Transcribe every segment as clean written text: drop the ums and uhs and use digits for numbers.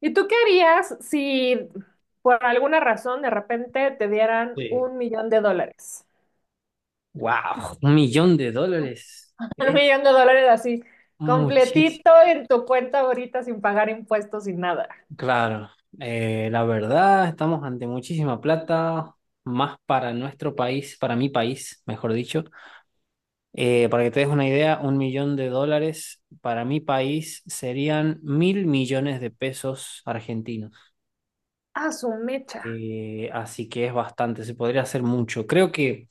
¿Y tú qué harías si por alguna razón de repente te dieran Sí. 1 millón de dólares? Wow, un millón de dólares Un es millón de dólares así, muchísimo. completito en tu cuenta ahorita sin pagar impuestos sin nada. Claro, la verdad, estamos ante muchísima plata, más para nuestro país, para mi país, mejor dicho. Para que te des una idea, un millón de dólares para mi país serían mil millones de pesos argentinos. A su mecha. Así que es bastante, se podría hacer mucho. Creo que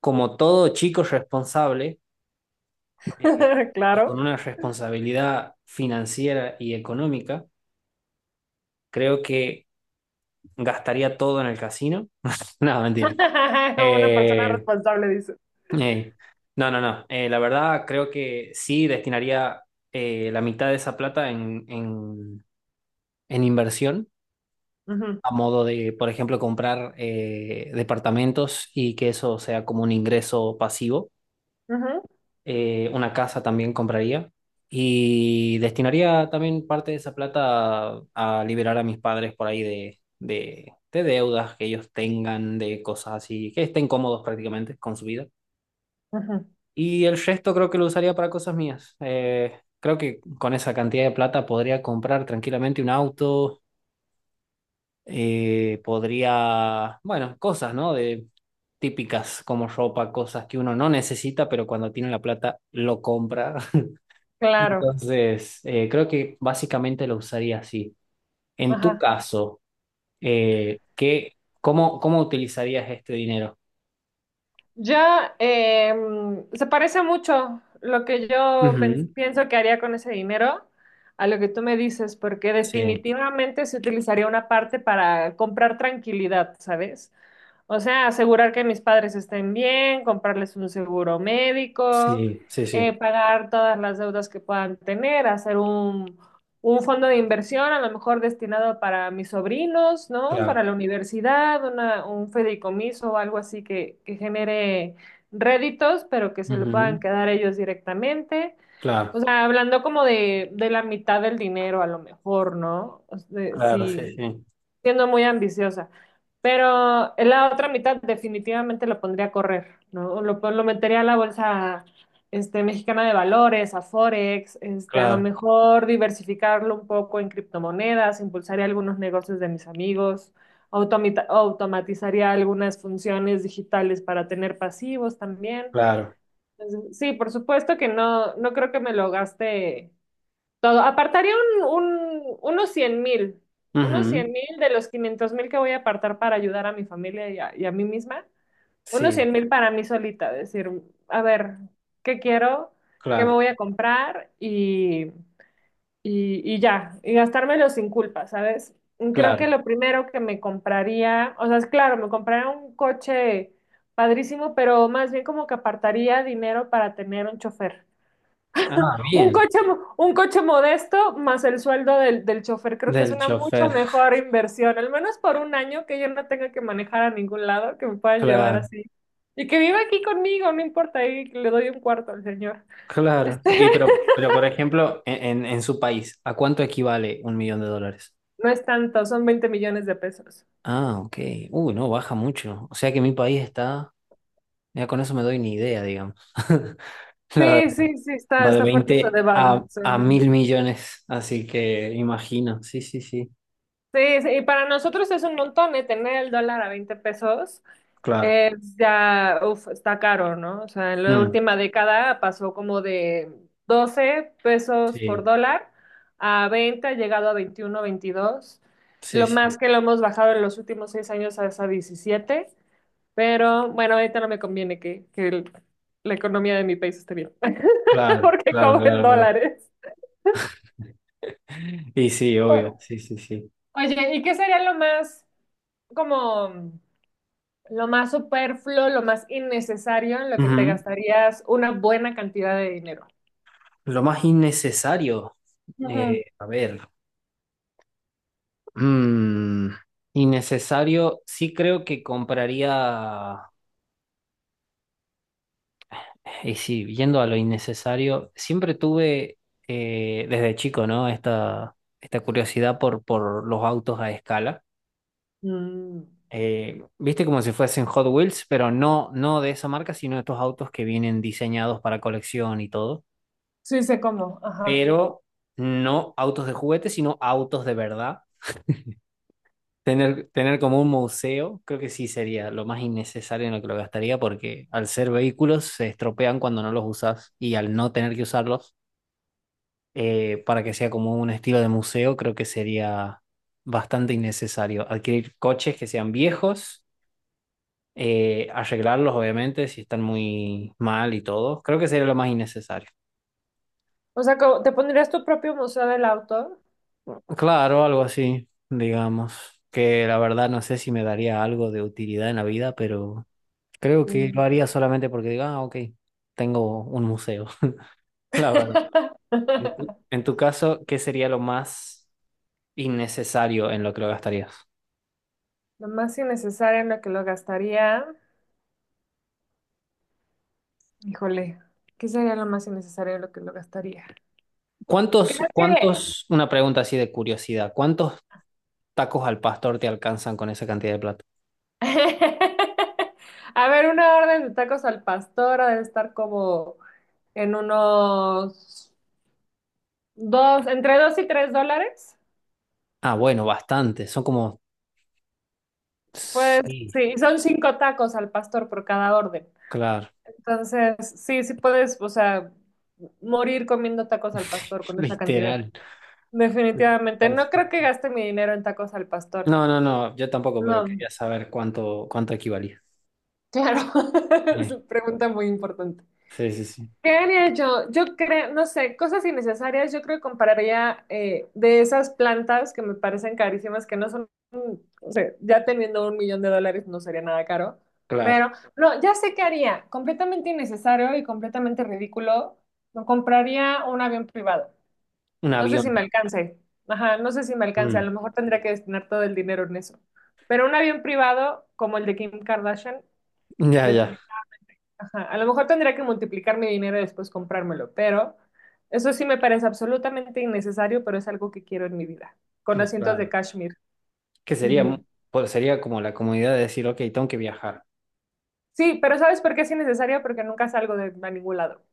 como todo chico responsable, eh, y Claro. con una responsabilidad financiera y económica, creo que gastaría todo en el casino. No, mentira. Una persona Eh, responsable dice. eh, no, no, no. La verdad, creo que sí destinaría, la mitad de esa plata en inversión, Ujú, a modo de, por ejemplo, comprar, departamentos, y que eso sea como un ingreso pasivo. ujú, Una casa también compraría, y destinaría también parte de esa plata a liberar a mis padres, por ahí, de deudas que ellos tengan, de cosas así, que estén cómodos prácticamente con su vida. ujú. Y el resto creo que lo usaría para cosas mías. Creo que con esa cantidad de plata podría comprar tranquilamente un auto. Podría, bueno, cosas, ¿no? Típicas como ropa, cosas que uno no necesita, pero cuando tiene la plata lo compra. Claro. Entonces, creo que básicamente lo usaría así. En tu Ajá. caso, ¿cómo utilizarías este dinero? Ya se parece mucho lo que yo Ujú. pienso que haría con ese dinero a lo que tú me dices, porque Sí, definitivamente se utilizaría una parte para comprar tranquilidad, ¿sabes? O sea, asegurar que mis padres estén bien, comprarles un seguro médico, sí, sí, sí, pagar todas las deudas que puedan tener, hacer un fondo de inversión, a lo mejor destinado para mis sobrinos, ¿no? Para claro. la universidad, un fideicomiso o algo así que genere réditos, pero que se lo puedan Ujú. quedar ellos directamente. Claro, O sea, hablando como de la mitad del dinero, a lo mejor, ¿no? O sea, claro, sí sí, sí, siendo muy ambiciosa. Pero en la otra mitad definitivamente lo pondría a correr, ¿no? Lo metería a la bolsa este, mexicana de valores, a Forex, este, a lo claro, mejor diversificarlo un poco en criptomonedas, impulsaría algunos negocios de mis amigos, automatizaría algunas funciones digitales para tener pasivos también. claro. Entonces, sí, por supuesto que no, no creo que me lo gaste todo. Apartaría unos 100,000, unos cien Ujú. mil de los 500,000 que voy a apartar para ayudar a mi familia y a mí misma. Unos Sí, 100 mil para mí solita, decir, a ver, ¿qué quiero? ¿Qué me claro, voy a comprar? Y ya, y gastármelo sin culpa, ¿sabes? Creo que claro. lo primero que me compraría, o sea, es claro, me compraría un coche padrísimo, pero más bien como que apartaría dinero para tener un chofer. Ah, Un bien, coche, un coche modesto más el sueldo del chofer, creo que es del una mucho chofer, mejor inversión, al menos por un año que yo no tenga que manejar a ningún lado, que me puedan llevar claro, así. Y que viva aquí conmigo, no importa, ahí le doy un cuarto al señor. claro. Este, Y pero por ejemplo, en su país, ¿a cuánto equivale un millón de dólares? no es tanto, son 20 millones de pesos. Ah, ok. Uy, no, baja mucho. O sea que mi país está, ya con eso me doy ni idea, digamos. La verdad, Sí, sí, sí, está, va de está fuerte su 20 a devaluación. mil millones, así que imagino. Sí, sí, sí, Sí, sí, y para nosotros es un montón, ¿eh? Tener el dólar a 20 pesos. claro. Pues, ya, uf, está caro, ¿no? O sea, en la Mm, última década pasó como de 12 pesos por sí, dólar a 20, ha llegado a 21, 22. sí, Lo sí, más que lo hemos bajado en los últimos 6 años es a 17. Pero bueno, ahorita no me conviene que la economía de mi país esté bien, claro, porque claro, cobro en claro, claro. dólares. Y sí, obvio, O- sí, sí, sí. Oye, ¿y qué sería lo como... más superfluo, lo más innecesario en lo que te Ujú. gastarías una buena cantidad de dinero? Lo más innecesario, Ujú. A ver, mm, innecesario, sí creo que compraría. Y sí, yendo a lo innecesario, siempre tuve, desde chico, ¿no? Esta curiosidad por los autos a escala. Mm. Viste, como si fuesen Hot Wheels, pero no, no de esa marca, sino estos autos que vienen diseñados para colección y todo. Sí, sé cómo, ajá. Pero no autos de juguete, sino autos de verdad. Tener como un museo, creo que sí sería lo más innecesario en lo que lo gastaría, porque al ser vehículos se estropean cuando no los usas, y al no tener que usarlos, para que sea como un estilo de museo, creo que sería bastante innecesario. Adquirir coches que sean viejos, arreglarlos obviamente si están muy mal y todo, creo que sería lo más innecesario. O sea, ¿te pondrías tu propio museo del auto? Claro, algo así, digamos, que la verdad no sé si me daría algo de utilidad en la vida, pero creo que lo Mm. haría solamente porque digo, ah, ok, tengo un museo, la verdad. En tu, en tu caso, ¿qué sería lo más innecesario en lo que lo gastarías? Lo más innecesario en lo que lo gastaría. Híjole, ¿qué sería lo más innecesario en lo que lo gastaría? Creo que... Una pregunta así de curiosidad, ¿cuántos tacos al pastor te alcanzan con esa cantidad de plata? A ver, una orden de tacos al pastor ha de estar como en unos dos, entre dos y tres dólares. Ah, bueno, bastante, son como, Pues sí, sí, y son cinco tacos al pastor por cada orden. claro, Entonces, sí, sí puedes, o sea, morir comiendo tacos al pastor con esa cantidad. literal. Definitivamente. Literal, No sí. creo que gaste mi dinero en tacos al pastor. No, no, no, yo tampoco, pero No, quería saber cuánto, cuánto equivalía. claro. Es Eh, una pregunta muy importante. Sí, sí, sí, ¿Qué haría yo? Yo creo, no sé, cosas innecesarias. Yo creo que compraría de esas plantas que me parecen carísimas, que no son, o sea, ya teniendo 1 millón de dólares no sería nada caro. claro, Pero no, ya sé qué haría. Completamente innecesario y completamente ridículo. Me compraría un avión privado. un No sé avión. si me alcance. Ajá, no sé si me ¿No? alcance. A lo Mm, mejor tendría que destinar todo el dinero en eso. Pero un avión privado como el de Kim Kardashian, ya, ya, definitivamente. Ajá, a lo mejor tendría que multiplicar mi dinero y después comprármelo, pero eso sí me parece absolutamente innecesario, pero es algo que quiero en mi vida, con mm, asientos de claro. cashmere. Que sería, Ujú. pues sería como la comodidad de decir, ok, tengo que viajar. Sí, pero ¿sabes por qué es innecesario? Porque nunca salgo de a ningún lado.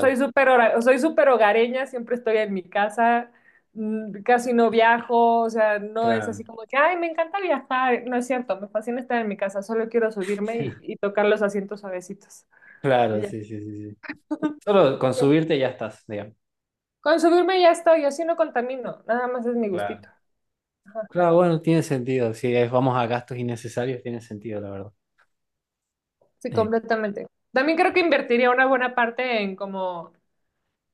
Soy súper hogareña, siempre estoy en mi casa, casi no viajo, o sea, no es claro, así como que, ay, me encanta viajar, no es cierto, me fascina estar en mi casa, solo quiero subirme y tocar los asientos suavecitos. Y claro, ya. sí, sí, sí, sí. Solo con subirte ya estás, digamos. Con subirme ya estoy, yo sí no contamino, nada más es mi Claro. gustito. Ajá, Claro, bueno, tiene sentido. Si es- Vamos, a gastos innecesarios, tiene sentido, la verdad. sí, Eh, completamente. También creo que invertiría una buena parte en como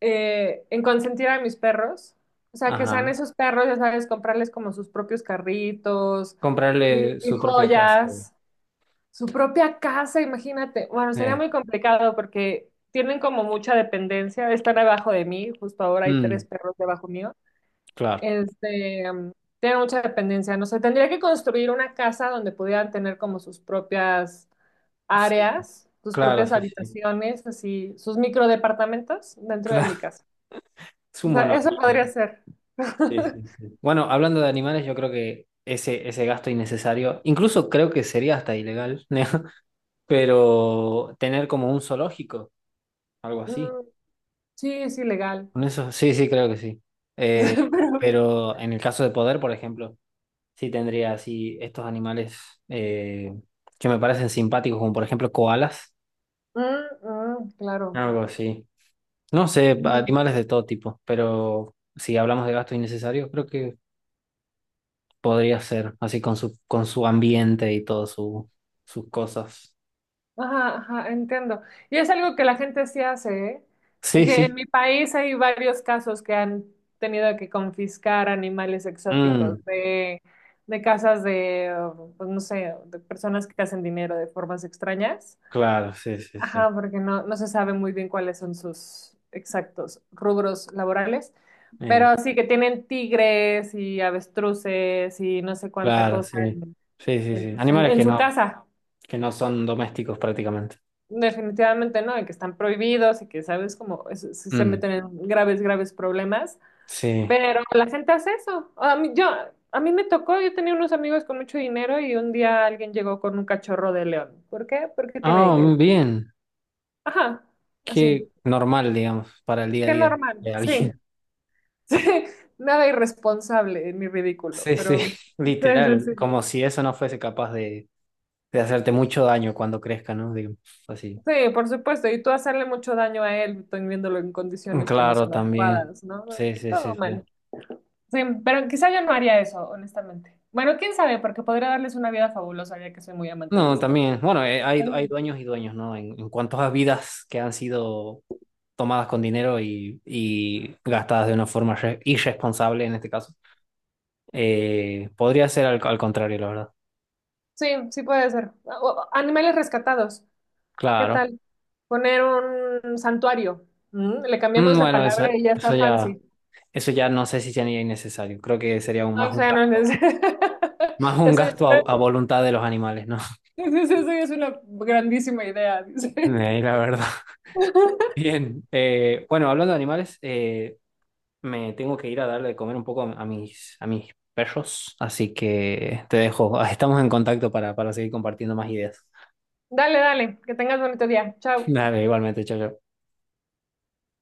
en consentir a mis perros. O sea, que sean ajá. esos perros, ya sabes, comprarles como sus propios carritos y, Comprarle y su propia casa. joyas, su propia casa, imagínate. Bueno, sería Eh, muy complicado porque tienen como mucha dependencia, están abajo de mí, justo ahora hay tres mm, perros debajo mío. claro. Este, tiene mucha dependencia. No sé, tendría que construir una casa donde pudieran tener como sus propias Sí, áreas, sus claro, propias sí, sí. habitaciones, así, sus microdepartamentos dentro de Claro, mi casa. es O un sea, mono. eso podría ser. Sí, sí, sí. Bueno, hablando de animales, yo creo que ese gasto innecesario, incluso creo que sería hasta ilegal, ¿no? Pero tener como un zoológico, algo así. Mm, sí, es ilegal. Con eso, sí, sí, creo que sí. Eh, Pero, pero en el caso de poder, por ejemplo. Sí, tendría así estos animales, eh, que me parecen simpáticos, como por ejemplo koalas, mm, mm, claro. algo así. No sé, Mm. animales de todo tipo, pero si hablamos de gastos innecesarios, creo que podría ser así con su ambiente y todas sus cosas. Ajá, ajá, entiendo. Y es algo que la gente sí hace, ¿eh? Sí, Que en sí. mi país hay varios casos que han tenido que confiscar animales Mm, exóticos de casas de, oh, pues no sé, de personas que hacen dinero de formas extrañas. claro, sí, sí, sí. Ajá, porque no, no se sabe muy bien cuáles son sus exactos rubros laborales. Eh, Pero sí que tienen tigres y avestruces y no sé cuánta claro, cosa sí. Sí, sí, en sí. pues, Animales en que su no, casa. que no son domésticos prácticamente. Definitivamente no, y que están prohibidos y que, sabes, se Mm, meten en graves, graves problemas, sí. pero la gente hace eso. A mí, yo, a mí me tocó, yo tenía unos amigos con mucho dinero y un día alguien llegó con un cachorro de león. ¿Por qué? Porque tiene Ah, dinero. bien. Ajá, así. Qué normal, digamos, para el día a Qué día normal, de sí. alguien. Sí, nada irresponsable ni ridículo, Sí, sí, pero sí, sí, literal, sí. como si eso no fuese capaz de hacerte mucho daño cuando crezca, ¿no? Digamos, así. Sí, por supuesto, y tú hacerle mucho daño a él, viéndolo en condiciones que no Claro, son también. adecuadas, ¿no? Sí, sí, Todo sí, sí. mal. Sí, pero quizá yo no haría eso, honestamente. Bueno, quién sabe, porque podría darles una vida fabulosa, ya que soy muy amante de No, los animales. también, bueno, hay dueños y dueños, ¿no? En cuanto a vidas que han sido tomadas con dinero, y gastadas de una forma irresponsable en este caso. Podría ser al contrario, la verdad. Sí, sí puede ser. Animales rescatados, ¿qué Claro. tal? Poner un santuario. ¿Mm? Le cambiamos Mm, de bueno, eso, palabra y ya eso está ya. fancy. Eso ya no sé si sería innecesario. Creo que sería, No, más o un sea, no gasto, es... más un Eso es gasto a una... voluntad de los animales, ¿no? eso es una grandísima idea, dice. La verdad. Bien. Bueno, hablando de animales, me tengo que ir a darle de comer un poco a mis perros. Así que te dejo. Estamos en contacto para seguir compartiendo más ideas. Dale, dale, que tengas bonito día. Chao. Dale, igualmente, chao, chao.